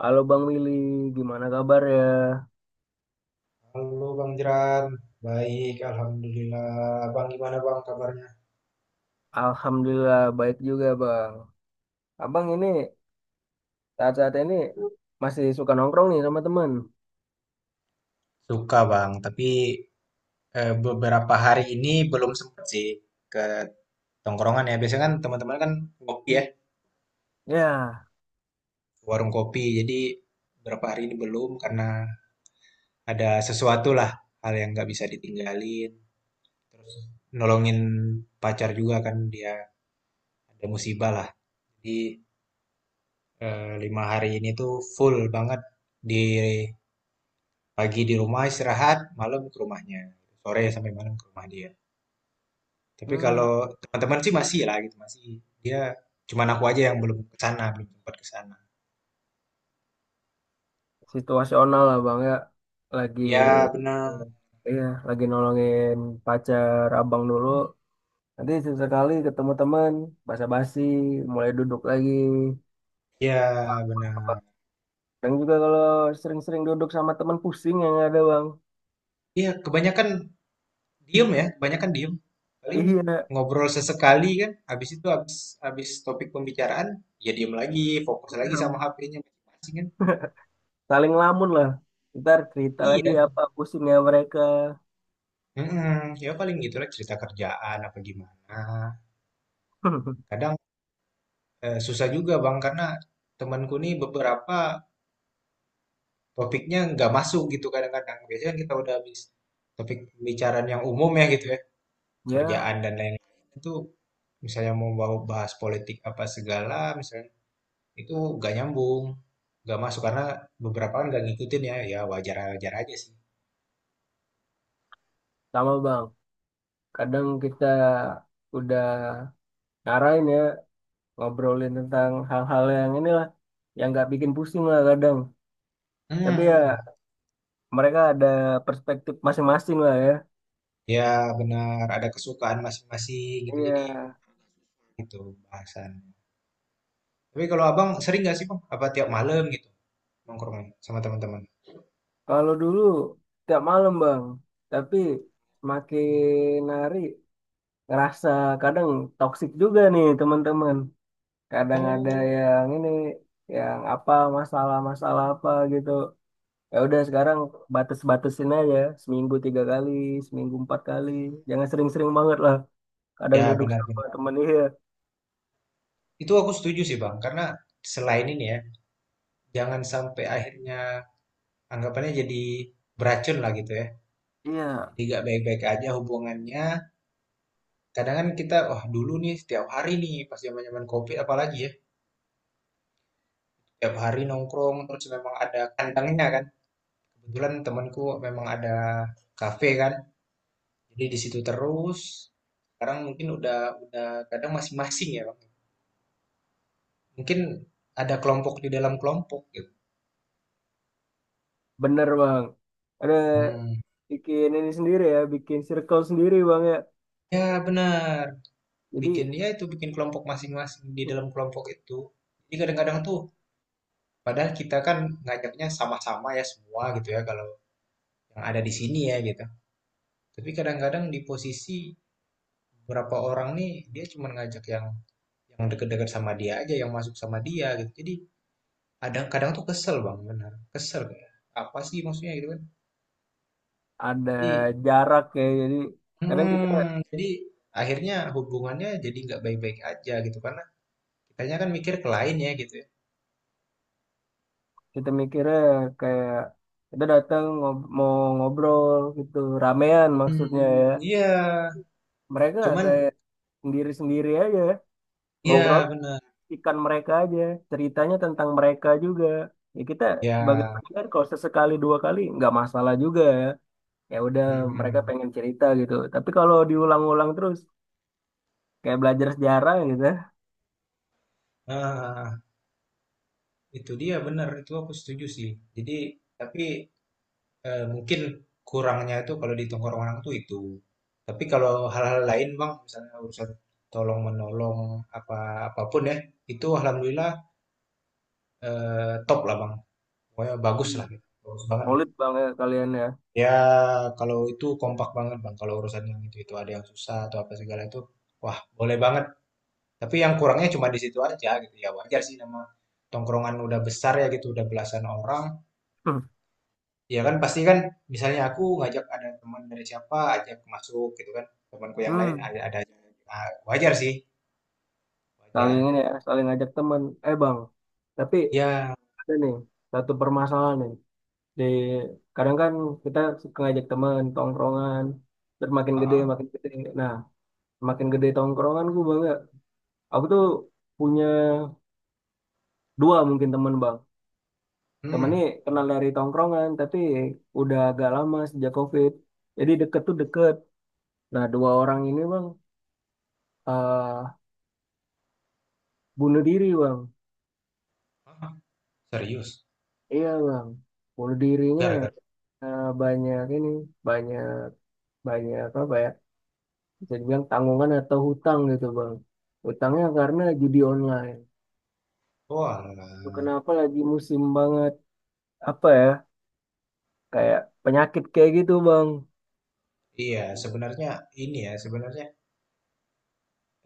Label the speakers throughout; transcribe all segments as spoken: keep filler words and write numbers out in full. Speaker 1: Halo Bang Willy, gimana kabar ya?
Speaker 2: Halo Bang Jeran, baik Alhamdulillah. Bang gimana Bang kabarnya?
Speaker 1: Alhamdulillah baik juga Bang. Abang ini saat-saat ini masih suka nongkrong nih sama teman.
Speaker 2: Suka bang, tapi eh, beberapa hari ini belum sempet sih ke tongkrongan ya. Biasanya kan teman-teman kan ngopi ya,
Speaker 1: Ya,
Speaker 2: ke warung kopi. Jadi beberapa hari ini belum karena ada sesuatu lah hal yang nggak bisa ditinggalin. Terus nolongin pacar juga kan dia ada musibah lah. Jadi eh, lima hari ini tuh full banget di Pagi di rumah istirahat, malam ke rumahnya. Sore sampai malam ke rumah dia. Tapi
Speaker 1: hmm,
Speaker 2: kalau teman-teman sih masih lah gitu, masih. Dia cuman aku aja yang belum ke sana, belum sempat ke sana.
Speaker 1: situasional lah Bang ya. Lagi,
Speaker 2: Ya benar,
Speaker 1: iya, lagi nolongin pacar Abang dulu. Nanti sesekali ketemu teman, basa-basi, mulai duduk lagi.
Speaker 2: ya benar.
Speaker 1: Dan juga kalau sering-sering duduk sama teman pusing yang ada Bang.
Speaker 2: Ya kebanyakan diem ya, kebanyakan diem. Paling
Speaker 1: Iya,
Speaker 2: ngobrol sesekali kan, habis itu habis habis topik pembicaraan, ya diem lagi, fokus
Speaker 1: ya.
Speaker 2: lagi sama
Speaker 1: Bang,
Speaker 2: H P-nya masing-masing kan.
Speaker 1: saling lamun lah. Ntar cerita lagi
Speaker 2: Iya.
Speaker 1: apa pusingnya mereka.
Speaker 2: mm Ya paling gitulah cerita kerjaan apa gimana. Kadang Eh, susah juga Bang karena temanku nih beberapa topiknya nggak masuk gitu kadang-kadang. Biasanya kan kita udah habis topik pembicaraan yang umum ya gitu ya, kerjaan
Speaker 1: Ya,
Speaker 2: dan lain-lain itu misalnya mau bawa- bahas politik apa segala misalnya itu nggak nyambung, nggak masuk karena beberapa kan nggak ngikutin ya, ya wajar-wajar aja sih.
Speaker 1: sama Bang. Kadang kita udah ngarahin ya, ngobrolin tentang hal-hal yang inilah, yang nggak bikin pusing lah kadang. Tapi ya
Speaker 2: Hmm,
Speaker 1: mereka ada perspektif masing-masing lah ya.
Speaker 2: ya benar ada kesukaan masing-masing gitu
Speaker 1: Iya,
Speaker 2: jadi itu bahasan. Tapi kalau abang sering nggak sih bang? Apa tiap malam gitu nongkrongnya sama teman-teman?
Speaker 1: kalau dulu tiap malam Bang, tapi semakin hari ngerasa kadang toksik juga nih teman-teman. Kadang ada
Speaker 2: Oh.
Speaker 1: yang ini, yang apa, masalah-masalah apa gitu, ya udah sekarang batas-batasin aja, seminggu tiga kali, seminggu empat kali, jangan sering-sering banget lah. Kadang
Speaker 2: Ya,
Speaker 1: duduk sama
Speaker 2: benar-benar.
Speaker 1: temen iya,
Speaker 2: Itu aku setuju sih, Bang. Karena selain ini ya, jangan sampai akhirnya anggapannya jadi beracun lah gitu ya.
Speaker 1: iya
Speaker 2: Jadi gak baik-baik aja hubungannya. Kadang kan kita, wah dulu nih setiap hari nih pas zaman-zaman COVID apalagi ya, setiap hari nongkrong terus memang ada kandangnya kan. Kebetulan temanku memang ada kafe kan. Jadi di situ terus. Sekarang mungkin udah udah kadang masing-masing ya, Bang. Mungkin ada kelompok di dalam kelompok gitu.
Speaker 1: bener bang, ada
Speaker 2: Hmm.
Speaker 1: bikin ini sendiri ya, bikin circle sendiri bang ya,
Speaker 2: Ya benar. Bikin
Speaker 1: jadi
Speaker 2: dia itu bikin kelompok masing-masing di dalam kelompok itu. Jadi kadang-kadang tuh padahal kita kan ngajaknya sama-sama ya semua gitu ya kalau yang ada di sini ya gitu. Tapi kadang-kadang di posisi beberapa orang nih dia cuma ngajak yang yang deket-deket sama dia aja yang masuk sama dia gitu. Jadi kadang kadang tuh kesel bang benar kesel kayak apa sih maksudnya gitu kan.
Speaker 1: ada
Speaker 2: Jadi
Speaker 1: jarak ya. Jadi kadang kita,
Speaker 2: hmm, jadi akhirnya hubungannya jadi nggak baik-baik aja gitu karena kitanya kan mikir ke lain ya gitu ya.
Speaker 1: kita mikirnya kayak kita datang ngob- mau ngobrol gitu, ramean maksudnya.
Speaker 2: Hmm, iya.
Speaker 1: Mereka
Speaker 2: Cuman
Speaker 1: kayak sendiri-sendiri aja ngobrol,
Speaker 2: iya benar.
Speaker 1: ikan mereka aja, ceritanya tentang mereka juga. Ya kita sebagai
Speaker 2: Ya,
Speaker 1: pendengar kalau sesekali dua kali nggak masalah juga, ya udah mereka
Speaker 2: mm,
Speaker 1: pengen cerita gitu, tapi kalau diulang-ulang terus kayak belajar sejarah gitu.
Speaker 2: ah, itu dia benar itu aku setuju sih. Jadi tapi eh, mungkin kurangnya itu kalau di tongkrongan tuh itu. Tapi kalau hal-hal lain bang, misalnya urusan tolong menolong apa apapun ya, itu alhamdulillah eh, top lah bang. Pokoknya bagus
Speaker 1: Hmm.
Speaker 2: lah, gitu. Bagus banget lah.
Speaker 1: Solid banget kalian ya.
Speaker 2: Ya kalau itu kompak banget bang. Kalau urusan yang itu itu ada yang susah atau apa segala itu, wah boleh banget. Tapi yang kurangnya cuma di situ aja gitu ya wajar sih nama tongkrongan udah besar ya gitu udah belasan orang
Speaker 1: Hmm.
Speaker 2: ya kan pasti kan misalnya aku ngajak ada teman dari siapa ajak masuk gitu kan temanku yang lain
Speaker 1: Hmm,
Speaker 2: ada ada aja. Ah, wajar sih
Speaker 1: saling
Speaker 2: wajar
Speaker 1: ini ya, saling ngajak teman. Eh bang, tapi
Speaker 2: ya.
Speaker 1: ada nih satu permasalahan nih, di kadang kan kita suka ngajak teman tongkrongan, terus makin gede
Speaker 2: Heeh.
Speaker 1: makin gede. Nah, makin gede tongkrongan gue bang, aku tuh punya dua mungkin temen bang. Temennya
Speaker 2: Hmm.
Speaker 1: kenal dari tongkrongan, tapi udah agak lama sejak COVID. Jadi deket tuh deket. Nah dua orang ini bang, eh bunuh diri bang.
Speaker 2: Hah? Serius
Speaker 1: Iya bang, bunuh dirinya
Speaker 2: gara-gara
Speaker 1: eh, banyak ini, banyak, banyak apa ya? Bisa dibilang tanggungan atau hutang gitu bang. Hutangnya karena judi online.
Speaker 2: oh
Speaker 1: Itu
Speaker 2: alah.
Speaker 1: kenapa lagi musim banget, apa ya? Kayak penyakit kayak gitu bang.
Speaker 2: Iya sebenarnya ini ya sebenarnya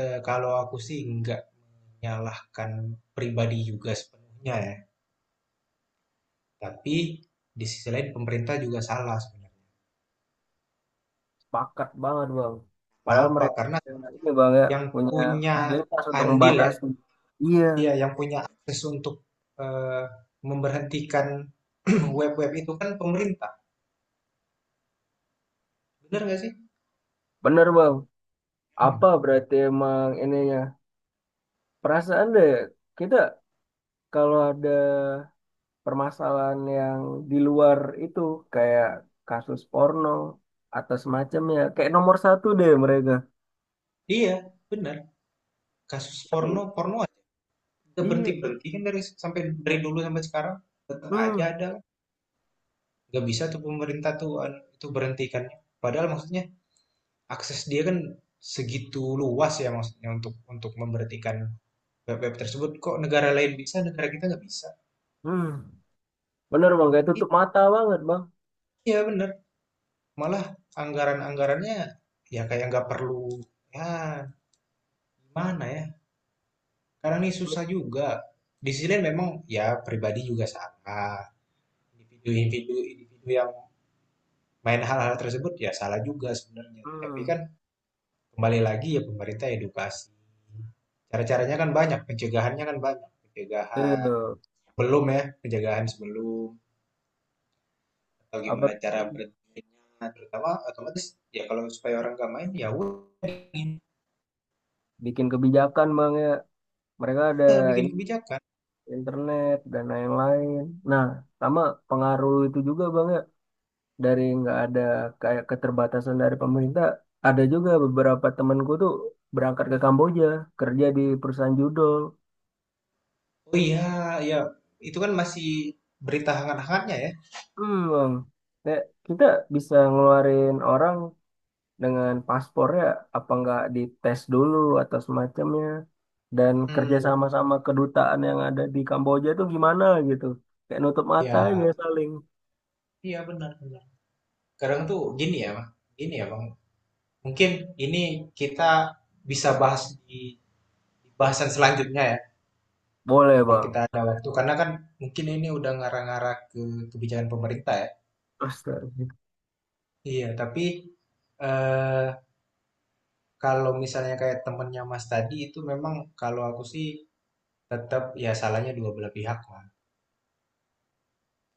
Speaker 2: eh, kalau aku sih nggak menyalahkan pribadi juga sepenuhnya ya, tapi di sisi lain pemerintah juga salah sebenarnya.
Speaker 1: Pakat banget bang. Padahal
Speaker 2: Kenapa?
Speaker 1: mereka
Speaker 2: Karena
Speaker 1: punya ini bang ya,
Speaker 2: yang
Speaker 1: punya
Speaker 2: punya
Speaker 1: fasilitas untuk
Speaker 2: andil ya,
Speaker 1: membatasi. Iya,
Speaker 2: iya yang punya akses untuk eh, memberhentikan web-web itu kan pemerintah. Benar nggak sih?
Speaker 1: bener bang. Apa
Speaker 2: Hmm.
Speaker 1: berarti emang ininya? Perasaan deh kita kalau ada permasalahan yang di luar itu, kayak kasus porno atau semacamnya, kayak nomor satu deh mereka.
Speaker 2: Iya, benar. Kasus porno,
Speaker 1: Tapi
Speaker 2: porno aja. Nggak
Speaker 1: iya,
Speaker 2: berhenti-berhenti kan dari sampai dari dulu sampai sekarang tetap aja
Speaker 1: hmm,
Speaker 2: ada. Nggak bisa tuh pemerintah tuh itu berhentikannya. Padahal maksudnya akses dia kan segitu luas ya maksudnya untuk untuk memberhentikan web-web tersebut. Kok negara lain bisa, negara kita nggak bisa?
Speaker 1: hmm, bener bang. Kayak tutup mata banget bang.
Speaker 2: Iya benar. Malah anggaran-anggarannya ya kayak nggak perlu ya gimana ya karena ini susah juga di sini memang ya pribadi juga salah individu-individu individu yang main hal-hal tersebut ya salah juga sebenarnya tapi
Speaker 1: Hmm,
Speaker 2: kan kembali lagi ya pemerintah edukasi cara-caranya kan banyak pencegahannya kan banyak pencegahan
Speaker 1: itu
Speaker 2: belum ya pencegahan sebelum atau
Speaker 1: apa?
Speaker 2: gimana cara berhentinya terutama otomatis ya kalau supaya orang nggak main ya udah bikin
Speaker 1: Bikin kebijakan bang ya. Mereka ada
Speaker 2: ya, bikin kebijakan.
Speaker 1: internet dan lain-lain. Nah, sama pengaruh itu juga bang ya, dari nggak ada kayak keterbatasan dari pemerintah. Ada juga beberapa temanku tuh berangkat ke Kamboja kerja di perusahaan judol.
Speaker 2: Oh iya, ya. Itu kan masih berita hangat-hangatnya ya.
Speaker 1: Hmm, bang. Kayak kita bisa ngeluarin orang dengan paspornya, apa nggak dites dulu atau semacamnya, dan kerja
Speaker 2: Hmm, ben-
Speaker 1: sama-sama kedutaan yang ada di Kamboja tuh gimana gitu, kayak nutup mata
Speaker 2: iya.
Speaker 1: aja saling.
Speaker 2: Iya benar benar. Kadang tuh gini ya, Bang. Gini ya, Bang. Mungkin ini kita bisa bahas di di bahasan selanjutnya ya.
Speaker 1: Boleh
Speaker 2: Kalau
Speaker 1: bang.
Speaker 2: kita ada waktu, karena kan mungkin ini udah ngarah-ngarah ke kebijakan pemerintah ya.
Speaker 1: Astaga.
Speaker 2: Iya, tapi eh, kalau misalnya kayak temennya Mas tadi itu memang kalau aku sih tetap ya salahnya dua belah pihak lah.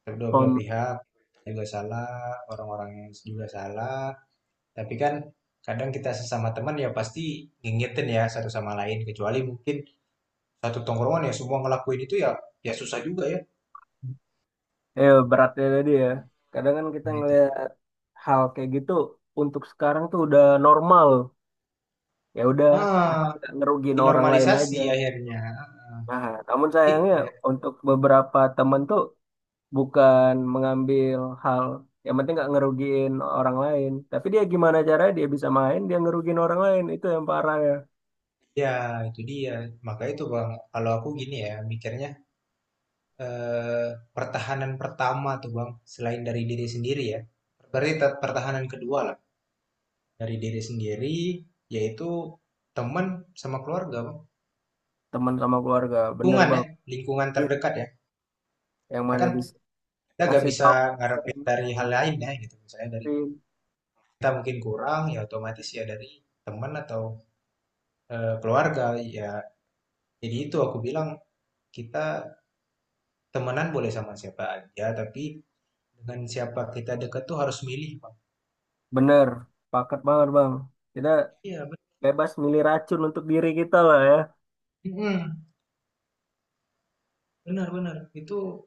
Speaker 2: Kedua belah
Speaker 1: Pem,
Speaker 2: pihak juga salah, orang orang yang juga salah. Tapi kan kadang kita sesama teman ya pasti ngingetin ya satu sama lain. Kecuali mungkin satu tongkrongan ya semua ngelakuin itu ya ya susah juga ya.
Speaker 1: ya, beratnya tadi ya. Kadang kan kita
Speaker 2: Nah, itu.
Speaker 1: ngelihat hal kayak gitu untuk sekarang tuh udah normal. Ya udah, asal
Speaker 2: Ah,
Speaker 1: nggak ngerugiin orang lain
Speaker 2: dinormalisasi
Speaker 1: aja, gitu.
Speaker 2: akhirnya.
Speaker 1: Nah, namun
Speaker 2: Jadi,
Speaker 1: sayangnya
Speaker 2: ya,
Speaker 1: untuk beberapa temen tuh bukan mengambil hal yang penting nggak ngerugiin orang lain. Tapi dia gimana caranya dia bisa main, dia ngerugiin orang lain. Itu yang parah ya.
Speaker 2: ya itu dia. Maka itu Bang, kalau aku gini ya mikirnya eh, pertahanan pertama tuh Bang, selain dari diri sendiri ya. Berarti pertahanan kedua lah. Dari diri sendiri, yaitu teman sama keluarga, Bang.
Speaker 1: Teman sama keluarga, bener
Speaker 2: Lingkungan ya,
Speaker 1: bang.
Speaker 2: lingkungan
Speaker 1: Iya.
Speaker 2: terdekat ya.
Speaker 1: Yang
Speaker 2: Karena
Speaker 1: mana
Speaker 2: kan
Speaker 1: bisa
Speaker 2: kita gak
Speaker 1: ngasih
Speaker 2: bisa
Speaker 1: tahu.
Speaker 2: ngarepin dari hal lain ya gitu. Misalnya dari kita mungkin kurang, ya otomatis ya dari teman atau eh, keluarga. Ya, jadi itu aku bilang kita temenan boleh sama siapa aja, tapi dengan siapa kita dekat tuh harus milih, Bang.
Speaker 1: Bener, paket banget bang. Kita
Speaker 2: Iya, benar.
Speaker 1: bebas milih racun untuk diri kita lah ya.
Speaker 2: Benar-benar. Itu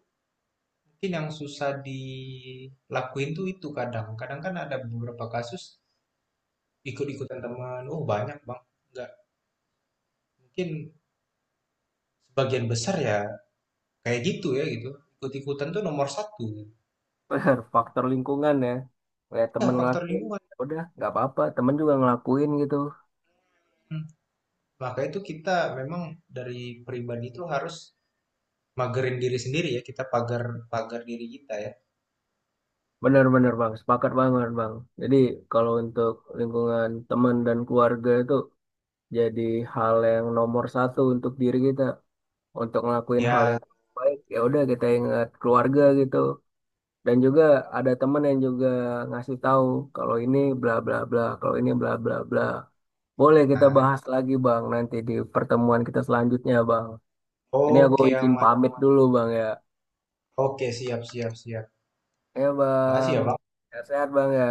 Speaker 2: mungkin yang susah dilakuin tuh itu kadang. Kadang kan ada beberapa kasus ikut-ikutan teman, oh banyak Bang, nggak mungkin sebagian besar ya kayak gitu ya gitu, ikut-ikutan tuh nomor satu.
Speaker 1: Benar, faktor lingkungan ya. Kayak
Speaker 2: Ya
Speaker 1: temen
Speaker 2: faktor
Speaker 1: ngelakuin,
Speaker 2: lingkungan.
Speaker 1: ya udah nggak apa-apa. Temen juga ngelakuin gitu.
Speaker 2: Hmm. Maka itu kita memang dari pribadi itu harus magerin diri sendiri ya, kita pagar-pagar diri kita ya.
Speaker 1: Benar-benar bang, sepakat banget bang. Jadi kalau untuk lingkungan teman dan keluarga itu jadi hal yang nomor satu untuk diri kita. Untuk ngelakuin hal
Speaker 2: Ya,
Speaker 1: yang baik, ya udah kita ingat keluarga gitu. Dan juga ada teman yang juga ngasih tahu kalau ini bla bla bla, kalau ini bla bla bla. Boleh kita
Speaker 2: nah,
Speaker 1: bahas lagi Bang nanti di pertemuan kita selanjutnya Bang. Ini aku
Speaker 2: oke
Speaker 1: izin
Speaker 2: aman,
Speaker 1: pamit dulu Bang ya.
Speaker 2: oke siap siap siap.
Speaker 1: Ya
Speaker 2: Makasih
Speaker 1: Bang,
Speaker 2: ya Bang,
Speaker 1: sehat-sehat Bang ya.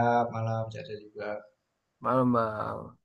Speaker 2: ya, malam sehat juga.
Speaker 1: Malam Bang.